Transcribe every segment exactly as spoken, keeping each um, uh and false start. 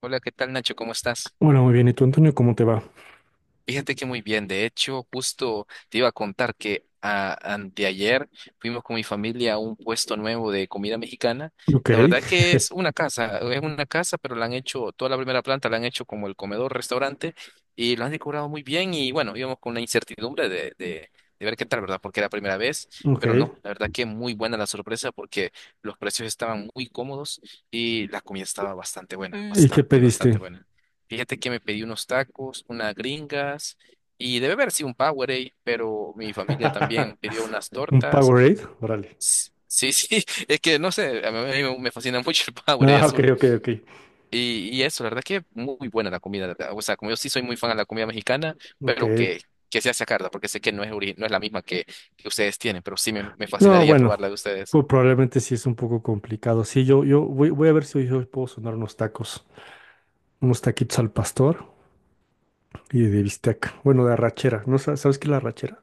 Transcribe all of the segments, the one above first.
Hola, ¿qué tal, Nacho? ¿Cómo estás? Hola, muy bien. ¿Y tú, Antonio, cómo te va? Fíjate que muy bien. De hecho, justo te iba a contar que a- anteayer fuimos con mi familia a un puesto nuevo de comida mexicana. Ok, La verdad que es una casa, es una casa, pero la han hecho, toda la primera planta la han hecho como el comedor, restaurante, y lo han decorado muy bien. Y bueno, íbamos con la incertidumbre de, de, de ver qué tal, ¿verdad? Porque era la primera vez, ok. pero no, la verdad que muy buena la sorpresa porque los precios estaban muy cómodos y la comida estaba bastante buena, ¿Y qué bastante, bastante pediste? buena. Fíjate que me pedí unos tacos, unas gringas y debe haber sido un Powerade, pero mi familia también pidió unas ¿Un tortas. Powerade? Órale. S- Sí, sí, es que no sé, a mí me me fascina mucho el Powerade Ah, ok, azul. ok, ok. Y, y eso, la verdad que muy buena la comida, la, ¿verdad? O sea, como yo sí soy muy fan de la comida mexicana, Ok. pero que, que sea sacarla, porque sé que no es, ori- no es la misma que, que ustedes tienen, pero sí me, me No, fascinaría bueno, probar la de ustedes. pues probablemente sí es un poco complicado. Sí, yo, yo voy, voy a ver si hoy puedo sonar unos tacos, unos taquitos al pastor y de bistec. Bueno, de arrachera. ¿No sa- sabes qué es la arrachera?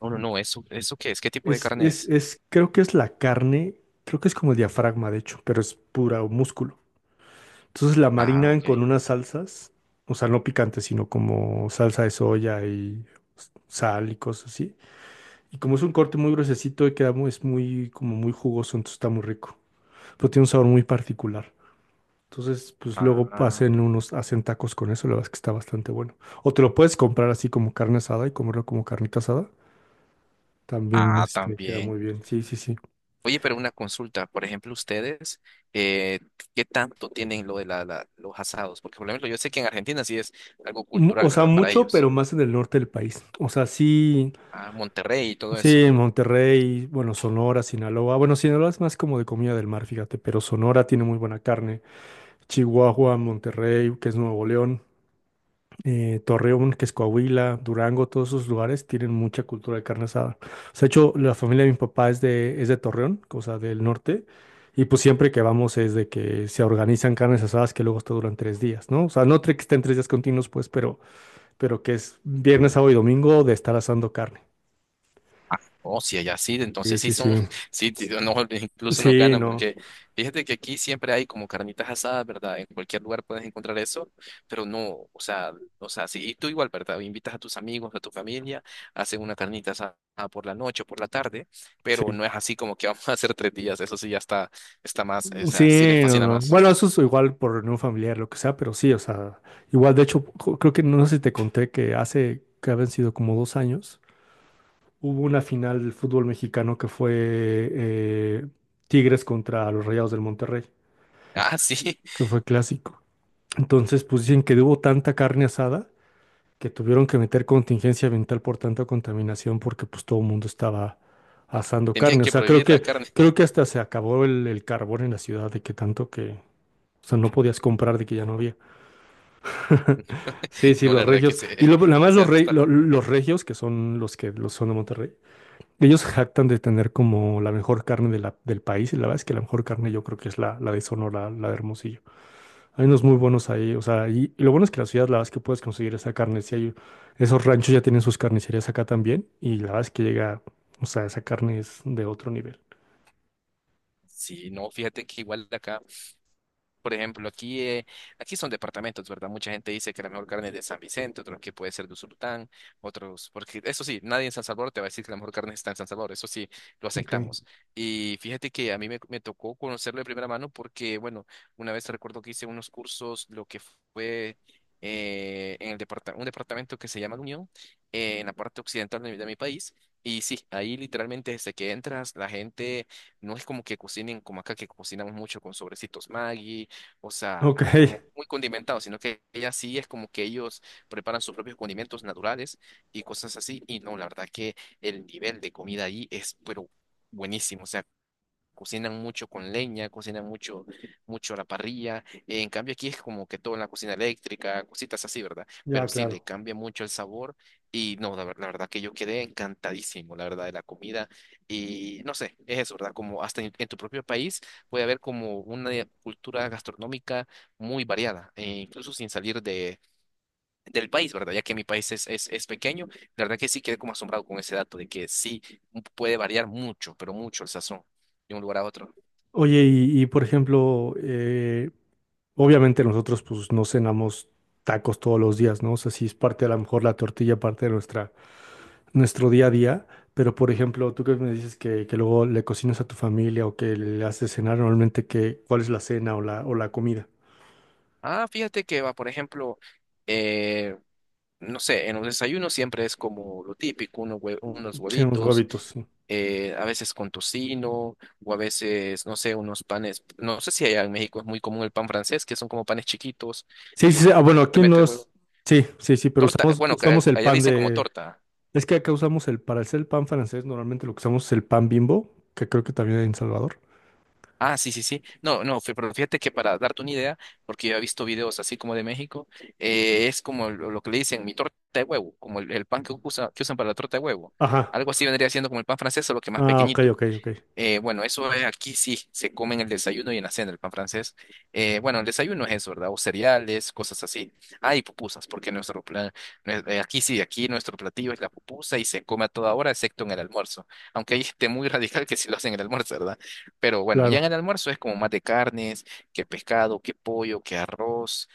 Oh, no, no, ¿eso, eso qué es? ¿Qué tipo de Es, carne es, es? es, creo que es la carne, creo que es como el diafragma, de hecho, pero es pura músculo. Entonces la Ah, marinan ok. con unas salsas, o sea, no picantes, sino como salsa de soya y s- sal y cosas así. Y como es un corte muy gruesecito y queda muy, es muy, como muy jugoso, entonces está muy rico. Pero tiene un sabor muy particular. Entonces, pues luego Ah, hacen unos, hacen tacos con eso, la verdad es que está bastante bueno. O te lo puedes comprar así como carne asada y comerlo como carnita asada. También ah, este, queda también. muy bien. Sí, sí, sí. Oye, pero una consulta, por ejemplo, ustedes, eh, ¿qué tanto tienen lo de la, la- los asados? Porque, por ejemplo, yo sé que en Argentina sí es algo Mu- cultural, O sea, ¿verdad? Para mucho, pero ellos, más en el norte del país. O sea, sí. a Monterrey y todo Sí, eso. en Monterrey, bueno, Sonora, Sinaloa. Bueno, Sinaloa es más como de comida del mar, fíjate, pero Sonora tiene muy buena carne. Chihuahua, Monterrey, que es Nuevo León, eh, Torreón, que es Coahuila, Durango, todos esos lugares tienen mucha cultura de carne asada. O sea, de hecho, la familia de mi papá es de, es de Torreón, o sea, del norte, y pues siempre que vamos es de que se organizan carnes asadas que luego hasta duran tres días, ¿no? O sea, no tre- que estén tres días continuos, pues, pero, pero que es viernes, sábado y domingo de estar asando carne. Ah, oh, si allá sí, Sí, entonces sí sí, son, sí. sí, sí, no, incluso nos Sí, ganan, no, porque fíjate que aquí siempre hay como carnitas asadas, ¿verdad? En cualquier lugar puedes encontrar eso, pero no, o sea, o sea, sí, y tú igual, ¿verdad? Invitas a tus amigos, a tu familia, hacen una carnita asada por la noche o por la tarde, pero sí, no es así como que vamos a hacer tres días, eso sí ya está, está más, o sea, sí les sí, no, fascina no. más. Bueno, eso es igual por reunión familiar, lo que sea, pero sí, o sea, igual, de hecho, jo- creo que no sé si te conté que hace, que habían sido como dos años, hubo una final del fútbol mexicano que fue eh, Tigres contra los Rayados del Monterrey, Ah, sí, que fue clásico. Entonces, pues dicen que hubo tanta carne asada que tuvieron que meter contingencia ambiental por tanta contaminación porque pues todo el mundo estaba asando tenían carne. O que sea, creo prohibir la que, carne. creo que hasta se acabó el, el carbón en la ciudad de que tanto que, o sea, no podías comprar de que ya no había. Sí, sí, No, la los verdad que regios. ese, Y lo, nada más ese los, dato rey- está lo- loco. los regios, que son los que los son de Monterrey, ellos se jactan de tener como la mejor carne de la- del país. Y la verdad es que la mejor carne yo creo que es la, la de Sonora, la de Hermosillo. Hay unos muy buenos ahí, o sea, y, y lo bueno es que la ciudad, la verdad es que puedes conseguir esa carne, si hay, esos ranchos ya tienen sus carnicerías acá también, y la verdad es que llega, o sea, esa carne es de otro nivel. Sí, no, fíjate que igual de acá. Por ejemplo, aquí, eh, aquí son departamentos, ¿verdad? Mucha gente dice que la mejor carne es de San Vicente, otros que puede ser de Usulután, otros, porque eso sí, nadie en San Salvador te va a decir que la mejor carne está en San Salvador, eso sí, lo Ok, aceptamos. Y fíjate que a mí me, me tocó conocerlo de primera mano porque, bueno, una vez recuerdo que hice unos cursos, lo que fue, eh, en el departa- un departamento que se llama La Unión, eh, en la parte occidental de mi de mi país. Y sí, ahí literalmente desde que entras, la gente no es como que cocinen como acá, que cocinamos mucho con sobrecitos Maggi, o sea, ok, como muy condimentado, sino que ella sí es como que ellos preparan sus propios condimentos naturales y cosas así. Y no, la verdad que el nivel de comida ahí es, pero buenísimo. O sea, cocinan mucho con leña, cocinan mucho, mucho a la parrilla. En cambio, aquí es como que todo en la cocina eléctrica, cositas así, ¿verdad? ya, Pero sí, le claro. cambia mucho el sabor. Y no, la, ver- la verdad que yo quedé encantadísimo, la verdad, de la comida. Y no sé, es eso, ¿verdad? Como hasta en, en tu propio país puede haber como una cultura gastronómica muy variada, e incluso sin salir de, del país, ¿verdad? Ya que mi país es, es, es pequeño, la verdad que sí quedé como asombrado con ese dato de que sí puede variar mucho, pero mucho el sazón de un lugar a otro. Oye, y, y, por ejemplo, eh, obviamente nosotros pues no cenamos tacos todos los días, ¿no? O sea, sí es parte a lo mejor la tortilla, parte de nuestra, nuestro día a día, pero por ejemplo, tú que me dices que, que luego le cocinas a tu familia o que le haces cenar normalmente, que, ¿cuál es la cena o la, o la comida? Ah, fíjate que va, por ejemplo, eh, no sé, en los desayunos siempre es como lo típico, unos hue- unos Sí, unos huevitos, huevitos, sí. eh, a veces con tocino, o a veces, no sé, unos panes, no sé si allá en México es muy común el pan francés, que son como panes chiquitos, Sí, que sí, sí, usted ah, bueno, le aquí mete no es... huevo. Sí, sí, sí, pero Torta, usamos, bueno, que usamos eh, el allá le pan dicen como de... torta. Es que acá usamos el... Para hacer el pan francés, normalmente lo que usamos es el pan Bimbo, que creo que también hay en Salvador. Ah, sí, sí, sí. No, no, fí- pero fíjate que para darte una idea, porque yo he visto videos así como de México, eh, es como lo, lo que le dicen mi torta de huevo, como el, el pan que usa, que usan para la torta de huevo. Ajá. Algo así vendría siendo como el pan francés, solo que más Ah, ok, pequeñito. ok, ok. Eh, bueno, eso es aquí sí, se come en el desayuno y en la cena el pan francés. Eh, bueno, el desayuno es eso, ¿verdad? O cereales, cosas así. Ah, y pupusas, porque nuestro plan, nue- eh, aquí sí, aquí nuestro platillo es la pupusa y se come a toda hora, excepto en el almuerzo. Aunque hay gente muy radical que sí lo hace en el almuerzo, ¿verdad? Pero bueno, ya en Claro. el almuerzo es como más de carnes, que pescado, que pollo, que arroz.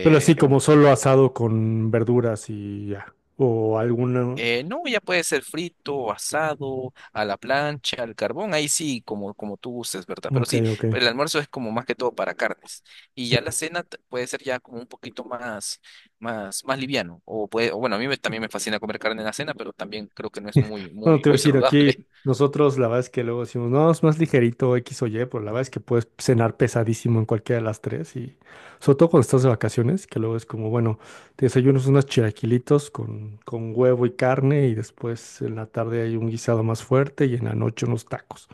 Pero así como solo asado con verduras y ya. O alguna... Eh, no, ya puede ser frito, asado, a la plancha, al carbón, ahí sí, como, como tú gustes, ¿verdad? Pero Ok, sí, ok. el almuerzo es como más que todo para carnes. Y ya la Ya. cena t- puede ser ya como un poquito más, más, más liviano. O puede, o bueno, a mí me- también me fascina comer carne en la cena, pero también creo que no es muy, Bueno, muy, te voy a muy decir, saludable. aquí nosotros la verdad es que luego decimos, no, es más ligerito X o Y, pero la verdad es que puedes cenar pesadísimo en cualquiera de las tres y sobre todo cuando estás de vacaciones, que luego es como, bueno, te desayunas unos chilaquilitos con, con huevo y carne y después en la tarde hay un guisado más fuerte y en la noche unos tacos.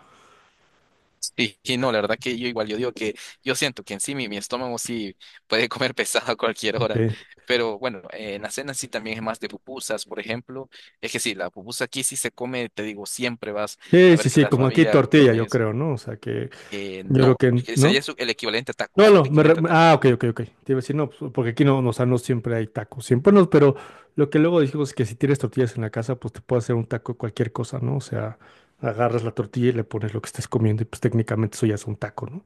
Sí, y no, la verdad que yo igual, yo digo que yo siento que en sí mi, mi estómago sí puede comer pesado a cualquier hora, Ok. pero bueno, eh, en la cena sí también es más de pupusas, por ejemplo, es que sí, la pupusa aquí sí se come, te digo, siempre vas Sí, a ver sí, que sí, la como aquí familia tortilla, come yo eso. creo, ¿no? O sea que Eh, yo creo no, que, que sería ¿no? su- el equivalente a No, tacos, el no, me re- equivalente a tacos. ah, ok, ok, ok. Te iba a decir, no, pues, porque aquí no, no, o sea, no siempre hay tacos, siempre no, pero lo que luego dijimos es que si tienes tortillas en la casa, pues te puede hacer un taco de cualquier cosa, ¿no? O sea, agarras la tortilla y le pones lo que estés comiendo y pues técnicamente eso ya es un taco, ¿no?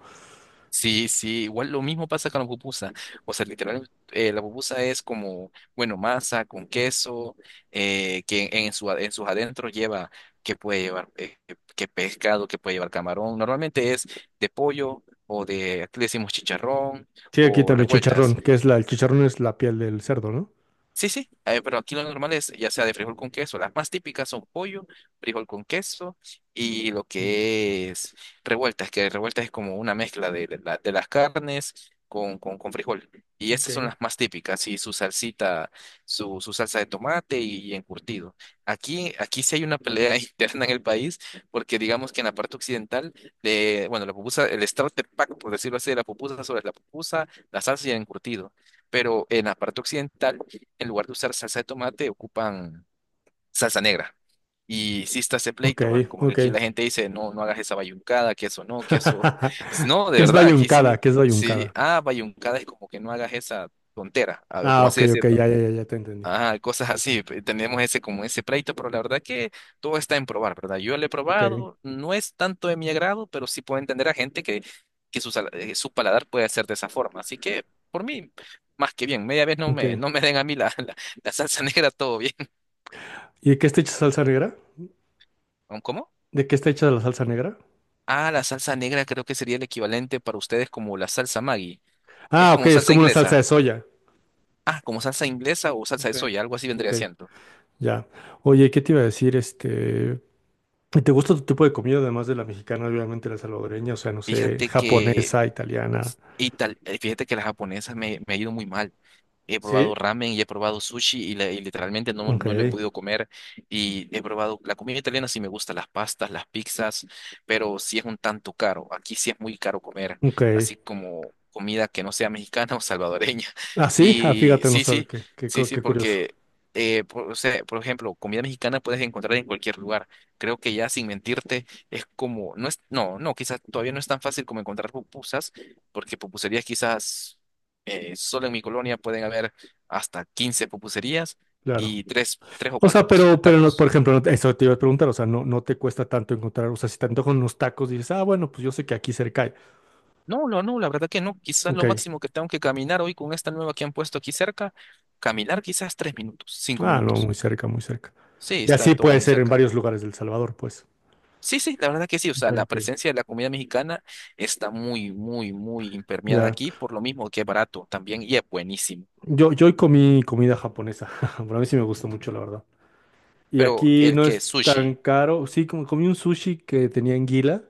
Sí, sí, igual lo mismo pasa con la pupusa. O sea, literalmente la pupusa es como, bueno, masa con queso, eh, que en, su, en sus adentros lleva, que puede llevar, eh, que pescado, que puede llevar camarón. Normalmente es de pollo o de, aquí le decimos chicharrón Sí, aquí o también revueltas. chicharrón, que es la, el chicharrón es la piel del cerdo, ¿no? Sí, sí, eh, pero aquí lo normal es ya sea de frijol con queso. Las más típicas son pollo, frijol con queso y lo Sí. que es revueltas, que revueltas es como una mezcla de, la- de las carnes con, con, con frijol. Y estas son Ok, las más típicas, y su salsita, su, su salsa de tomate y encurtido. Aquí, aquí sí hay una pelea interna en el país, porque digamos que en la parte occidental, de, bueno, la pupusa, el starter pack, por decirlo así, de la pupusa sobre la pupusa, la salsa y el encurtido. Pero en la parte occidental en lugar de usar salsa de tomate, ocupan salsa negra. Y sí está ese ok, pleito, ¿va? Como que ok. aquí la gente dice, no, no hagas esa bayuncada, que eso no, que eso... No, de ¿Qué es verdad, aquí bayuncada? sí, ¿Qué es sí, bayuncada? ah, bayuncada es como que no hagas esa tontera, algo Ah, como así ok, ok, decir. ya, ya, ya, ya te entendí. Ah, cosas así. pe- Tenemos ese como ese pleito, pero la verdad que todo está en probar, ¿verdad? Yo lo he Ok, probado, no es tanto de mi agrado, pero sí puedo entender a gente que, que su, sal- eh, su paladar puede ser de esa forma. Así que, por mí, más que bien. Media vez no me, ok. no me den a mí la, la, la salsa negra, todo bien. ¿Y de qué está hecha salsa negra? ¿Cómo? ¿De qué está hecha la salsa negra? Ah, la salsa negra creo que sería el equivalente para ustedes como la salsa Maggi. Es Ah, ok, como es salsa como una salsa de inglesa. soya. Ah, como salsa inglesa o salsa de Okay. soya, algo así Ok, vendría siendo. ya. Oye, ¿qué te iba a decir? Este, ¿y ¿te gusta tu tipo de comida además de la mexicana, obviamente la salvadoreña, o sea, no sé, Fíjate que japonesa, italiana? Y tal, eh, fíjate que la japonesa me, me ha ido muy mal. He Sí. probado ramen y he probado sushi y, la- y literalmente no, Ok, no lo he podido comer. Y he probado la comida italiana, sí me gusta, las pastas, las pizzas, pero sí es un tanto caro. Aquí sí es muy caro comer, ok. así como comida que no sea mexicana o salvadoreña. Ah, sí, ah, Y fíjate, no sí, sabe sí, qué, qué, sí, cu- sí, qué curioso. porque, eh, por, o sea, por ejemplo, comida mexicana puedes encontrar en cualquier lugar. Creo que ya sin mentirte, es como, no es, no, no, quizás todavía no es tan fácil como encontrar pupusas porque pupuserías quizás, eh, solo en mi colonia pueden haber hasta quince pupuserías Claro. y tres, tres o O cuatro sea, puestos de pero, pero no, por tacos. ejemplo, no te- eso te iba a preguntar, o sea, no, no te cuesta tanto encontrar, o sea, si te antojan unos tacos, dices, ah, bueno, pues yo sé que aquí cerca hay. No, no, no, la verdad que no. Quizás Ok. lo máximo que tengo que caminar hoy con esta nueva que han puesto aquí cerca, caminar quizás tres minutos, cinco Ah, no, minutos. muy cerca, muy cerca. Sí, Y está así todo puede muy ser en cerca. varios lugares del Salvador, pues. Sí, sí, la verdad que sí. O Ok, sea, la ok. presencia de la comida mexicana está muy, muy, muy impermeada Ya. aquí, por lo mismo que es barato también y es buenísimo. Yo, yo hoy comí comida japonesa, pero a mí sí me gusta mucho, la verdad. Y Pero aquí el no que es es tan sushi, caro, sí, como comí un sushi que tenía anguila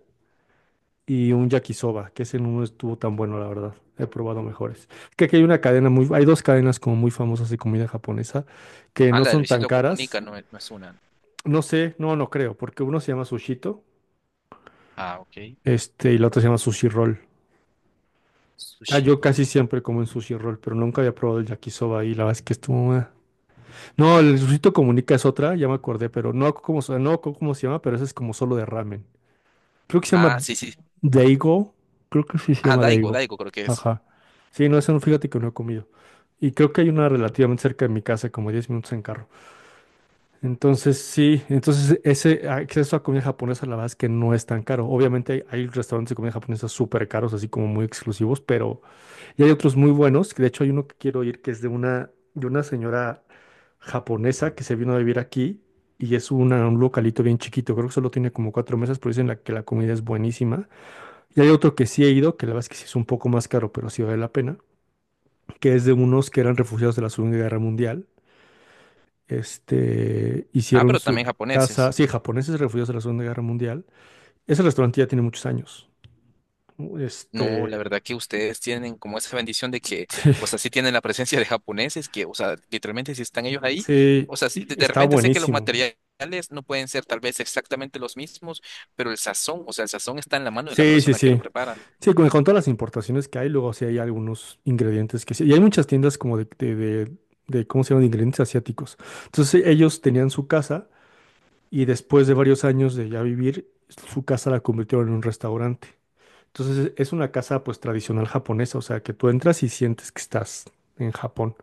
y un yakisoba, que ese no estuvo tan bueno, la verdad. He probado mejores. Es que aquí hay una cadena muy, hay dos cadenas como muy famosas de comida japonesa que ah, no la de son tan Luisito caras. Comunica no es, no es una. No sé, no, no creo, porque uno se llama Sushito, Ah, ok. este, y la otra se llama Sushi Roll. Ah, Sushi yo roll. casi siempre como en Sushi Roll, pero nunca había probado el yakisoba y la verdad es que estuvo... eh. No, el Luisito Comunica es otra, ya me acordé, pero no, como, no co- cómo se llama, pero ese es como solo de ramen. Creo que se Ah, llama sí, sí. Daigo, creo que sí se Ah, llama Daigo, Daigo. Daigo creo que es. Ajá. Sí, no, eso no, fíjate que no he comido. Y creo que hay una relativamente cerca de mi casa, como diez minutos en carro. Entonces, sí, entonces ese acceso a comida japonesa, la verdad es que no es tan caro. Obviamente hay, hay restaurantes de comida japonesa súper caros, así como muy exclusivos, pero y hay otros muy buenos, que de hecho hay uno que quiero ir que es de una, de una señora japonesa que se vino a vivir aquí y es una- un localito bien chiquito, creo que solo tiene como cuatro mesas, pero dicen la, que la comida es buenísima. Y hay otro que sí he ido, que la verdad es que sí es un poco más caro, pero sí vale la pena, que es de unos que eran refugiados de la Segunda Guerra Mundial. Este, Ah, hicieron pero su también casa, japoneses. sí, japoneses refugiados de la Segunda Guerra Mundial. Ese restaurante ya tiene muchos años. ¿No? No, la Este, verdad que ustedes tienen como esa bendición de que, sí, o sea, sí tienen la presencia de japoneses que, o sea, literalmente si están ellos ahí, sí, o sea, sí, de y de está repente sé que los buenísimo. materiales no pueden ser tal vez exactamente los mismos, pero el sazón, o sea, el sazón está en la mano de la Sí, sí, persona que lo sí. prepara. Sí, con, con todas las importaciones que hay, luego sí hay algunos ingredientes que sí. Y hay muchas tiendas como de, de, de- de, ¿cómo se llaman? De ingredientes asiáticos. Entonces e, ellos tenían su casa y después de varios años de ya vivir, su casa la convirtieron en un restaurante. Entonces es una casa pues tradicional japonesa, o sea que tú entras y sientes que estás en Japón.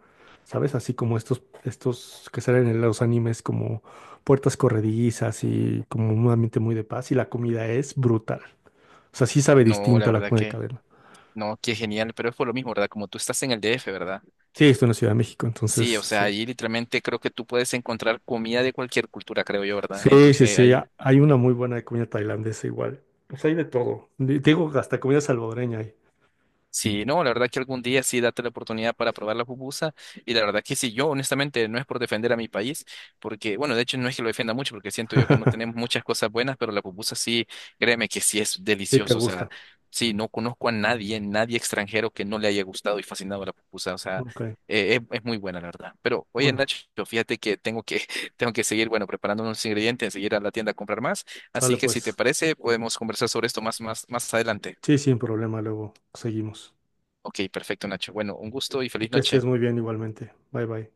¿Sabes? Así como estos, estos que salen en los animes como puertas corredizas y como un ambiente muy de paz y la comida es brutal. O sea, sí sabe No, la distinta la verdad comida de que, cadena. no, qué genial, pero es por lo mismo, ¿verdad? Como tú estás en el D F, ¿verdad? Sí, estoy en la Ciudad de México, entonces Sí, o sea, sí. allí literalmente creo que tú puedes encontrar comida de cualquier cultura, creo yo, ¿verdad? Sí, sí, Entonces sí, ahí. ha- hay una muy buena de comida tailandesa igual. Pues hay de todo. Di- Digo, hasta comida salvadoreña hay. Sí, no, la verdad que algún día sí date la oportunidad para probar la pupusa. Y la verdad que sí, yo honestamente no es por defender a mi país, porque, bueno, de hecho no es que lo defienda mucho, porque siento yo que no tenemos muchas cosas buenas, pero la pupusa sí, créeme que sí es Sí, te delicioso. O sea, gusta. sí, no conozco a nadie, nadie extranjero que no le haya gustado y fascinado la pupusa. O sea, Ok. eh, es, es muy buena, la verdad. Pero, oye, Bueno, Nacho, fíjate que tengo que, tengo que seguir, bueno, preparando unos ingredientes, seguir a la tienda a comprar más. sale Así que si te pues. parece, podemos conversar sobre esto más, más, más adelante. Sí, sin problema, luego seguimos. Ok, perfecto, Nacho. Bueno, un gusto y feliz Que noche. estés muy bien igualmente. Bye bye.